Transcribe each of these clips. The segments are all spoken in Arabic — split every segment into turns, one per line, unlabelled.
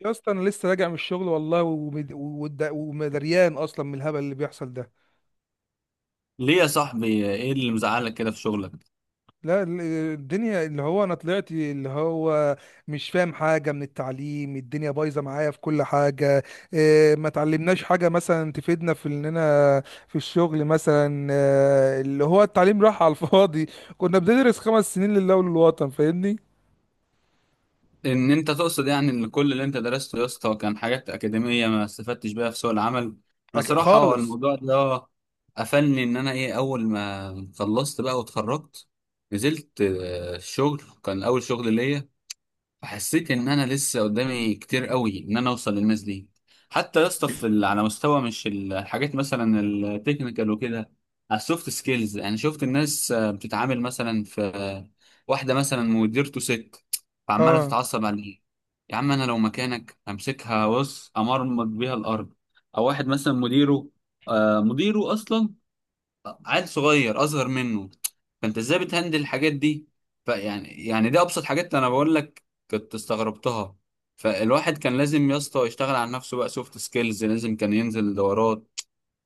يا اسطى، انا لسه راجع من الشغل والله، ومد- ومد- ومدريان اصلا من الهبل اللي بيحصل ده.
ليه يا صاحبي، ايه اللي مزعلك كده في شغلك؟
لا ال- الدنيا اللي هو انا طلعت، اللي هو مش فاهم حاجه من التعليم، الدنيا بايظه معايا في كل حاجه. إيه، ما تعلمناش حاجه مثلا تفيدنا في اننا في الشغل مثلا، اللي هو التعليم راح على الفاضي. كنا بندرس 5 سنين لله وللوطن، فاهمني؟
ان انت تقصد يعني ان كل اللي انت درسته يا اسطى كان حاجات اكاديميه ما استفدتش بيها في سوق العمل. انا صراحه هو
خالص.
الموضوع ده قفلني. ان انا ايه، اول ما خلصت بقى واتخرجت نزلت الشغل، كان اول شغل ليا. حسيت ان انا لسه قدامي كتير قوي ان انا اوصل للناس دي. حتى يا اسطى على مستوى، مش الحاجات مثلا التكنيكال وكده، على السوفت سكيلز. يعني شفت الناس بتتعامل مثلا في آه، واحده مثلا مديرته ست، فعماله
اه،
تتعصب عليه. يا عم انا لو مكانك امسكها، بص، امرمط بيها الارض. او واحد مثلا مديره، مديره اصلا عيل صغير اصغر منه، فانت ازاي بتهندل الحاجات دي؟ فيعني دي ابسط حاجات انا بقول لك، كنت استغربتها. فالواحد كان لازم يا اسطى يشتغل على نفسه بقى، سوفت سكيلز لازم كان ينزل دورات.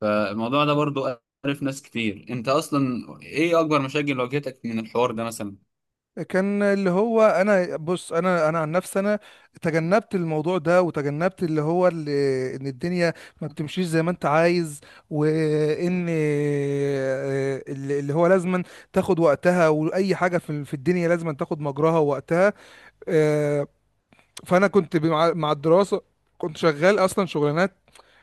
فالموضوع ده برضو عرف ناس كتير. انت اصلا ايه اكبر مشاكل واجهتك من الحوار ده مثلا؟
كان اللي هو انا بص، انا عن نفسي انا تجنبت الموضوع ده، وتجنبت اللي هو اللي ان الدنيا ما بتمشيش زي ما انت عايز، وان اللي هو لازما تاخد وقتها، واي حاجه في الدنيا لازما تاخد مجراها ووقتها. آه، فانا كنت مع الدراسه كنت شغال اصلا شغلانات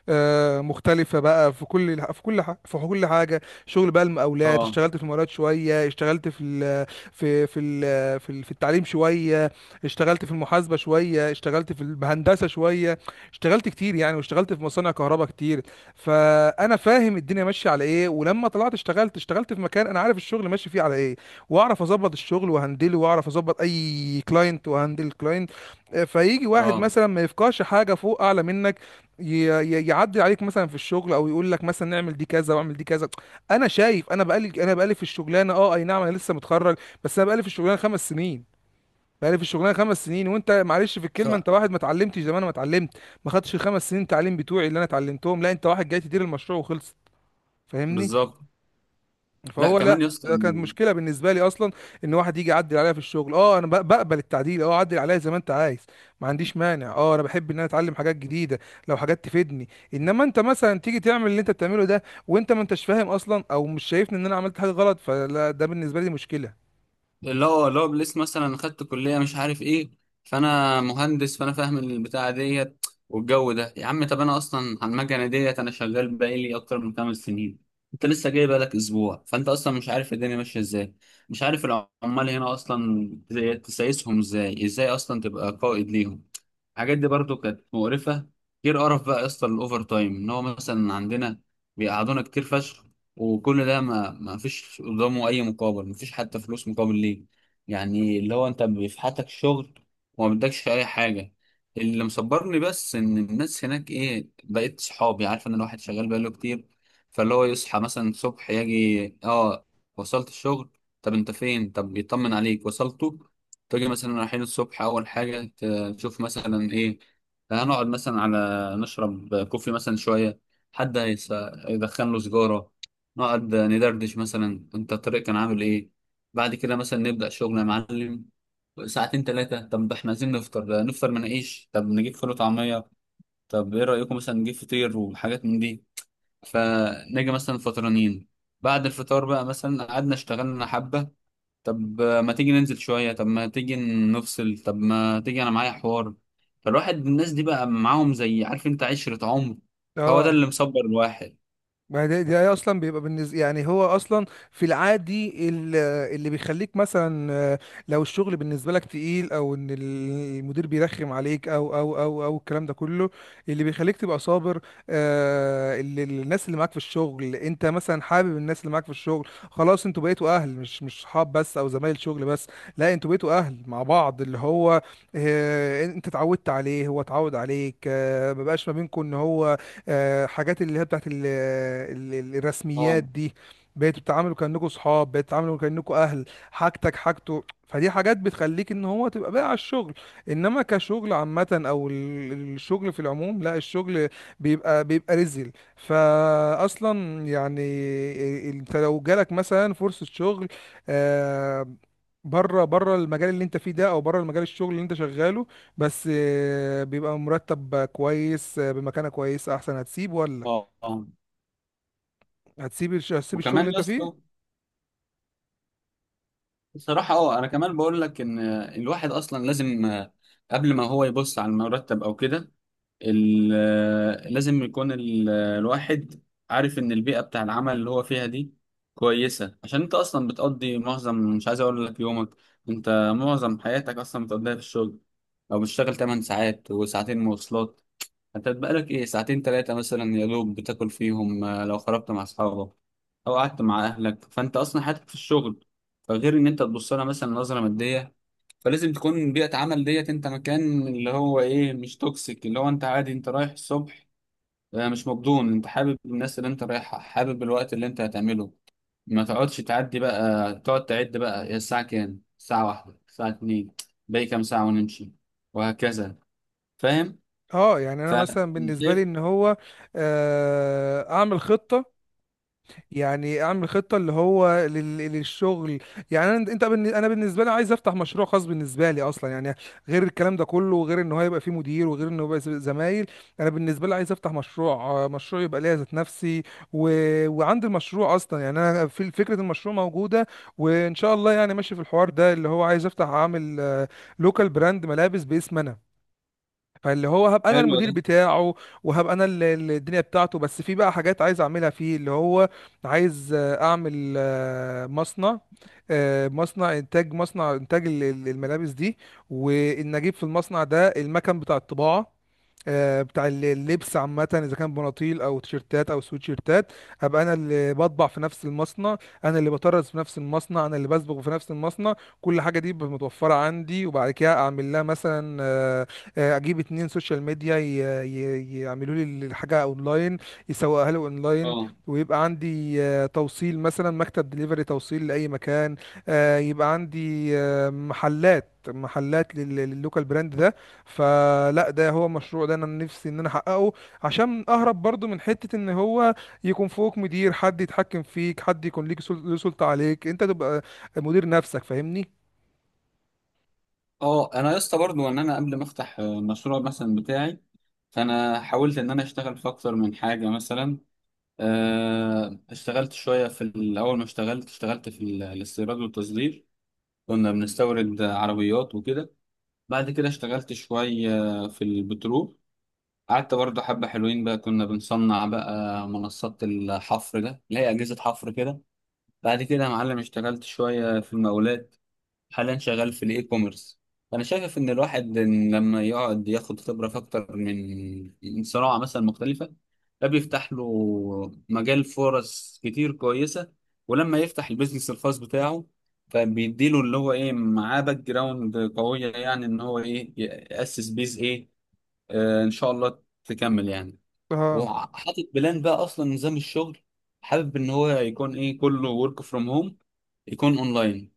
مختلفة بقى، في كل حاجة شغل، بقى المقاولات،
اه،
اشتغلت في المقاولات شوية، اشتغلت في في التعليم شوية، اشتغلت في المحاسبة شوية، اشتغلت في الهندسة شوية، اشتغلت كتير يعني، واشتغلت في مصانع كهرباء كتير. فأنا فاهم الدنيا ماشية على ايه، ولما طلعت اشتغلت في مكان أنا عارف الشغل ماشي فيه على ايه، واعرف اظبط الشغل وهندله، واعرف اظبط اي كلاينت وهندل كلاينت. فيجي واحد
اه،
مثلا ما يفقهش حاجة فوق أعلى منك، يعدي عليك مثلا في الشغل، او يقول لك مثلا نعمل دي كذا، واعمل دي كذا. انا شايف انا بقالي، انا بقالي في الشغلانه، اه اي نعم انا لسه متخرج، بس انا بقالي في الشغلانه 5 سنين. بقالي في الشغلانه خمس سنين، وانت معلش في الكلمه، انت
سواء،
واحد ما اتعلمتش زي ما انا ما اتعلمت، ما خدتش ال5 سنين تعليم بتوعي اللي انا اتعلمتهم. لا انت واحد جاي تدير المشروع وخلصت، فاهمني؟
بالظبط. لا
فهو لا،
كمان يا اسطى،
ده كانت مشكله بالنسبه لي اصلا. ان واحد يجي يعدل عليا في الشغل، اه انا بقبل التعديل، اه عدل عليا زي ما انت عايز، ما عنديش مانع، اه انا بحب ان انا اتعلم حاجات جديده لو حاجات تفيدني. انما انت مثلا تيجي تعمل اللي انت بتعمله ده، وانت ما انتش فاهم اصلا، او مش شايفني ان انا عملت حاجه غلط، فلا ده بالنسبه لي مشكله.
اللي هو لسه مثلا خدت كلية مش عارف ايه، فانا مهندس، فانا فاهم البتاعة ديت والجو ده. يا عم طب انا اصلا على المكنة ديت انا شغال بقالي اكتر من 5 سنين، انت لسه جاي بقالك اسبوع، فانت اصلا مش عارف الدنيا ماشية ازاي، مش عارف العمال هنا اصلا تسايسهم ازاي، ازاي اصلا تبقى قائد ليهم. الحاجات دي برضو كانت مقرفة. غير قرف بقى يا اسطى الاوفر تايم، ان هو مثلا عندنا بيقعدونا كتير فشخ، وكل ده ما فيش قدامه اي مقابل، ما فيش حتى فلوس مقابل ليه. يعني اللي هو انت بيفحتك شغل وما بدكش اي حاجه. اللي مصبرني بس ان الناس هناك ايه، بقيت صحابي، عارف ان الواحد شغال بقاله كتير. فاللي هو يصحى مثلا الصبح يجي، اه وصلت الشغل؟ طب انت فين؟ طب يطمن عليك وصلته. تيجي مثلا رايحين الصبح، اول حاجه تشوف مثلا ايه، هنقعد مثلا على نشرب كوفي مثلا شويه، حد هيس- يدخن له سيجاره، نقعد ندردش مثلا انت الطريق كان عامل ايه. بعد كده مثلا نبدأ شغل يا معلم ساعتين ثلاثة. طب احنا عايزين نفطر، نفطر مناقيش، طب نجيب فول وطعمية، طب ايه رأيكم مثلا نجيب فطير وحاجات من دي؟ فنيجي مثلا فطرانين. بعد الفطار بقى مثلا قعدنا اشتغلنا حبة. طب ما تيجي ننزل شوية، طب ما تيجي نفصل، طب ما تيجي انا معايا حوار. فالواحد الناس دي بقى معاهم زي، عارف انت، عشرة عمر. هو ده
اه،
اللي مصبر الواحد.
ما ده, ده اصلا بيبقى بالنسبه يعني، هو اصلا في العادي، اللي بيخليك مثلا، لو الشغل بالنسبه لك تقيل، او ان المدير بيرخم عليك، او الكلام ده كله، اللي بيخليك تبقى صابر، الناس اللي معاك في الشغل. انت مثلا حابب الناس اللي معاك في الشغل، خلاص انتوا بقيتوا اهل، مش صحاب بس، او زمايل شغل بس. لا انتوا بقيتوا اهل مع بعض، اللي هو انت اتعودت عليه، هو اتعود عليك، ما بقاش ما بينكم ان هو حاجات اللي هي بتاعت
اه،
الرسميات دي. بقيتوا بتتعاملوا كأنكم صحاب، بقيتوا بتتعاملوا كأنكم أهل، حاجتك حاجته، فدي حاجات بتخليك ان هو تبقى بقى على الشغل. انما كشغل عامة، او الشغل في العموم، لا الشغل بيبقى رزل فاصلا يعني. انت لو جالك مثلا فرصة شغل، آه، بره المجال اللي انت فيه ده، او بره المجال الشغل اللي انت شغاله، بس بيبقى مرتب كويس، بمكانة كويسة احسن، هتسيب ولا
اه، اه.
هتسيب هتسيب الشغل اللي
وكمان يا
انت فيه؟
اسطى بصراحة، اه انا كمان بقول لك ان الواحد اصلا لازم، قبل ما هو يبص على المرتب او كده، لازم يكون الواحد عارف ان البيئة بتاع العمل اللي هو فيها دي كويسة. عشان انت اصلا بتقضي معظم، مش عايز اقول لك يومك، انت معظم حياتك اصلا بتقضيها في الشغل، او بتشتغل 8 ساعات وساعتين مواصلات، انت بقالك ايه ساعتين تلاتة مثلا يا دوب بتاكل فيهم. لو خرجت مع اصحابك او قعدت مع اهلك، فانت اصلا حياتك في الشغل. فغير ان انت تبص لها مثلا نظرة مادية، فلازم تكون بيئة عمل ديت انت مكان اللي هو ايه، مش توكسيك، اللي هو انت عادي انت رايح الصبح مش مبدون، انت حابب الناس اللي انت رايحها، حابب الوقت اللي انت هتعمله، ما تقعدش تعدي بقى، تقعد تعد بقى هي الساعة كام، الساعة واحدة، الساعة اتنين، باقي كام ساعة ونمشي، وهكذا. فاهم؟
اه يعني
ف
انا مثلا بالنسبة لي
شايف؟
ان هو اعمل خطة، يعني اعمل خطه اللي هو للشغل. يعني انا انت انا بالنسبه لي عايز افتح مشروع خاص بالنسبه لي اصلا يعني، غير الكلام ده كله، وغير ان هو يبقى فيه مدير، وغير انه يبقى زمايل. انا بالنسبه لي عايز افتح مشروع، مشروع يبقى ليا ذات نفسي و... وعندي المشروع اصلا يعني، انا في فكره المشروع موجوده، وان شاء الله يعني ماشي في الحوار ده، اللي هو عايز افتح اعمل لوكال براند ملابس باسم انا. فاللي هو هبقى انا
حلو.
المدير بتاعه، وهبقى انا الدنيا بتاعته. بس في بقى حاجات عايز اعملها فيه، اللي هو عايز اعمل مصنع، مصنع انتاج، مصنع انتاج الملابس دي. وان اجيب في المصنع ده المكن بتاع الطباعة، بتاع اللبس عامة، إذا كان بناطيل أو تيشيرتات أو سويتشيرتات، أبقى أنا اللي بطبع في نفس المصنع، أنا اللي بطرز في نفس المصنع، أنا اللي بسبغ في نفس المصنع. كل حاجة دي بتبقى متوفرة عندي. وبعد كده أعمل لها مثلا، اجيب 2 سوشيال ميديا يعملوا لي الحاجه اونلاين، يسوقها لي اونلاين،
اه
ويبقى عندي توصيل مثلا، مكتب دليفري توصيل لاي مكان، يبقى عندي محلات، محلات لللوكال براند ده. فلا ده هو مشروع ده انا نفسي ان انا احققه، عشان اهرب برضو من حتة ان هو يكون فوق مدير، حد يتحكم فيك، حد يكون ليك له سلطة عليك، انت تبقى مدير نفسك، فاهمني؟
اه. انا يا اسطى برضه، ان انا قبل ما افتح المشروع مثلا بتاعي، فانا حاولت ان انا اشتغل في اكتر من حاجه مثلا. اشتغلت شويه في الاول، ما اشتغلت اشتغلت في الاستيراد والتصدير، كنا بنستورد عربيات وكده. بعد كده اشتغلت شويه في البترول، قعدت برضه حبه حلوين بقى، كنا بنصنع بقى منصات الحفر، ده اللي هي اجهزه حفر كده. بعد كده يا معلم اشتغلت شويه في المقاولات. حاليا شغال في الاي كوميرس. انا شايف ان الواحد، إن لما يقعد ياخد خبره في اكتر من صناعه مثلا مختلفه، ده بيفتح له مجال فرص كتير كويسه، ولما يفتح البيزنس الخاص بتاعه، فبيديله اللي هو ايه، معاه باك جراوند قويه يعني، ان هو ايه، ياسس بيز ايه. آه ان شاء الله تكمل يعني،
اه
وحاطط بلان بقى اصلا نظام الشغل. حابب ان هو يكون ايه، كله ورك فروم هوم، يكون اونلاين،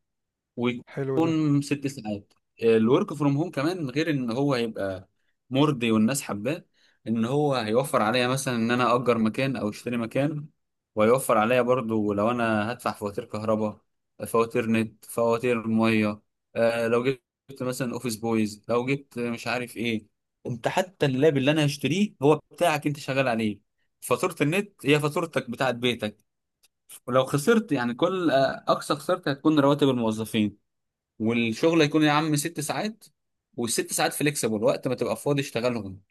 حلو ده.
ويكون 6 ساعات. الورك فروم هوم كمان، غير ان هو هيبقى مرضي والناس حباه، ان هو هيوفر عليا مثلا ان انا اجر مكان او اشتري مكان، وهيوفر عليا برضو لو انا هدفع فواتير كهرباء، فواتير نت، فواتير ميه. آه لو جبت مثلا اوفيس بويز، لو جبت مش عارف ايه. انت حتى اللاب اللي انا هشتريه هو بتاعك، انت شغال عليه، فاتورة النت هي فاتورتك بتاعت بيتك. ولو خسرت يعني كل، اقصى خسارتي هتكون رواتب الموظفين. والشغل هيكون يا عم 6 ساعات، والست ساعات فليكسبل، وقت ما تبقى فاضي اشتغلهم.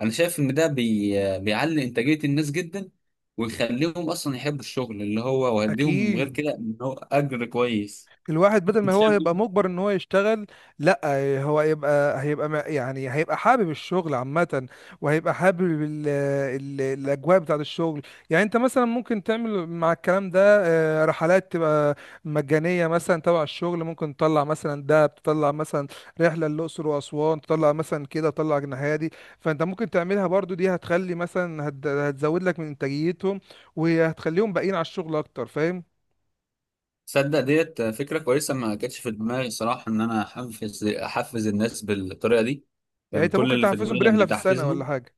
انا شايف ان ده بيعلي انتاجية الناس جدا، ويخليهم اصلا يحبوا الشغل اللي هو، ويديهم غير
اكيد
كده ان هو اجر كويس.
الواحد بدل ما
انت
هو
شايف
هيبقى
ده؟
مجبر ان هو يشتغل، لا هو هيبقى، يعني هيبقى حابب الشغل عامة، وهيبقى حابب ال ال الاجواء بتاعة الشغل. يعني انت مثلا ممكن تعمل مع الكلام ده رحلات تبقى مجانية مثلا تبع الشغل، ممكن تطلع مثلا دهب، تطلع مثلا رحلة للأقصر وأسوان، تطلع مثلا كده تطلع الناحية دي. فانت ممكن تعملها برضو، دي هتخلي مثلا، هتزود لك من انتاجيتهم، وهتخليهم باقيين على الشغل اكتر، فاهم؟
تصدق ديت فكرة كويسة، ما كانتش في دماغي صراحة ان انا احفز الناس بالطريقة دي.
يعني
كان
انت
كل
ممكن
اللي في
تحفزهم
دماغي
برحلة
ان
في السنة ولا
تحفيزهم،
حاجة.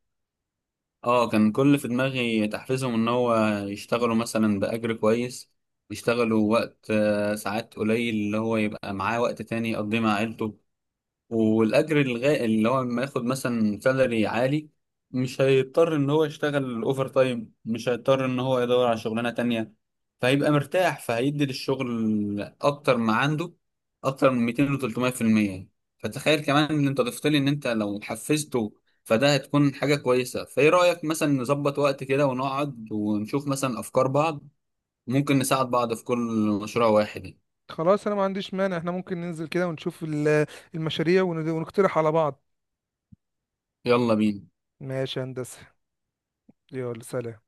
اه كان كل اللي في دماغي تحفيزهم ان هو يشتغلوا مثلا بأجر كويس، يشتغلوا وقت ساعات قليل، اللي هو يبقى معاه وقت تاني يقضيه مع عيلته. اللي هو لما ياخد مثلا سالري عالي، مش هيضطر ان هو يشتغل اوفر تايم، مش هيضطر ان هو يدور على شغلانه تانية، فهيبقى مرتاح، فهيدي للشغل اكتر ما عنده اكتر من 200 و 300% يعني. فتخيل كمان ان انت ضفت لي ان انت لو حفزته، فده هتكون حاجه كويسه. فايه رايك مثلا نظبط وقت كده ونقعد ونشوف مثلا افكار بعض، ممكن نساعد بعض في كل مشروع واحد.
خلاص انا ما عنديش مانع، احنا ممكن ننزل كده ونشوف المشاريع ونقترح على بعض.
يلا بينا.
ماشي يا هندسة، يلا سلام.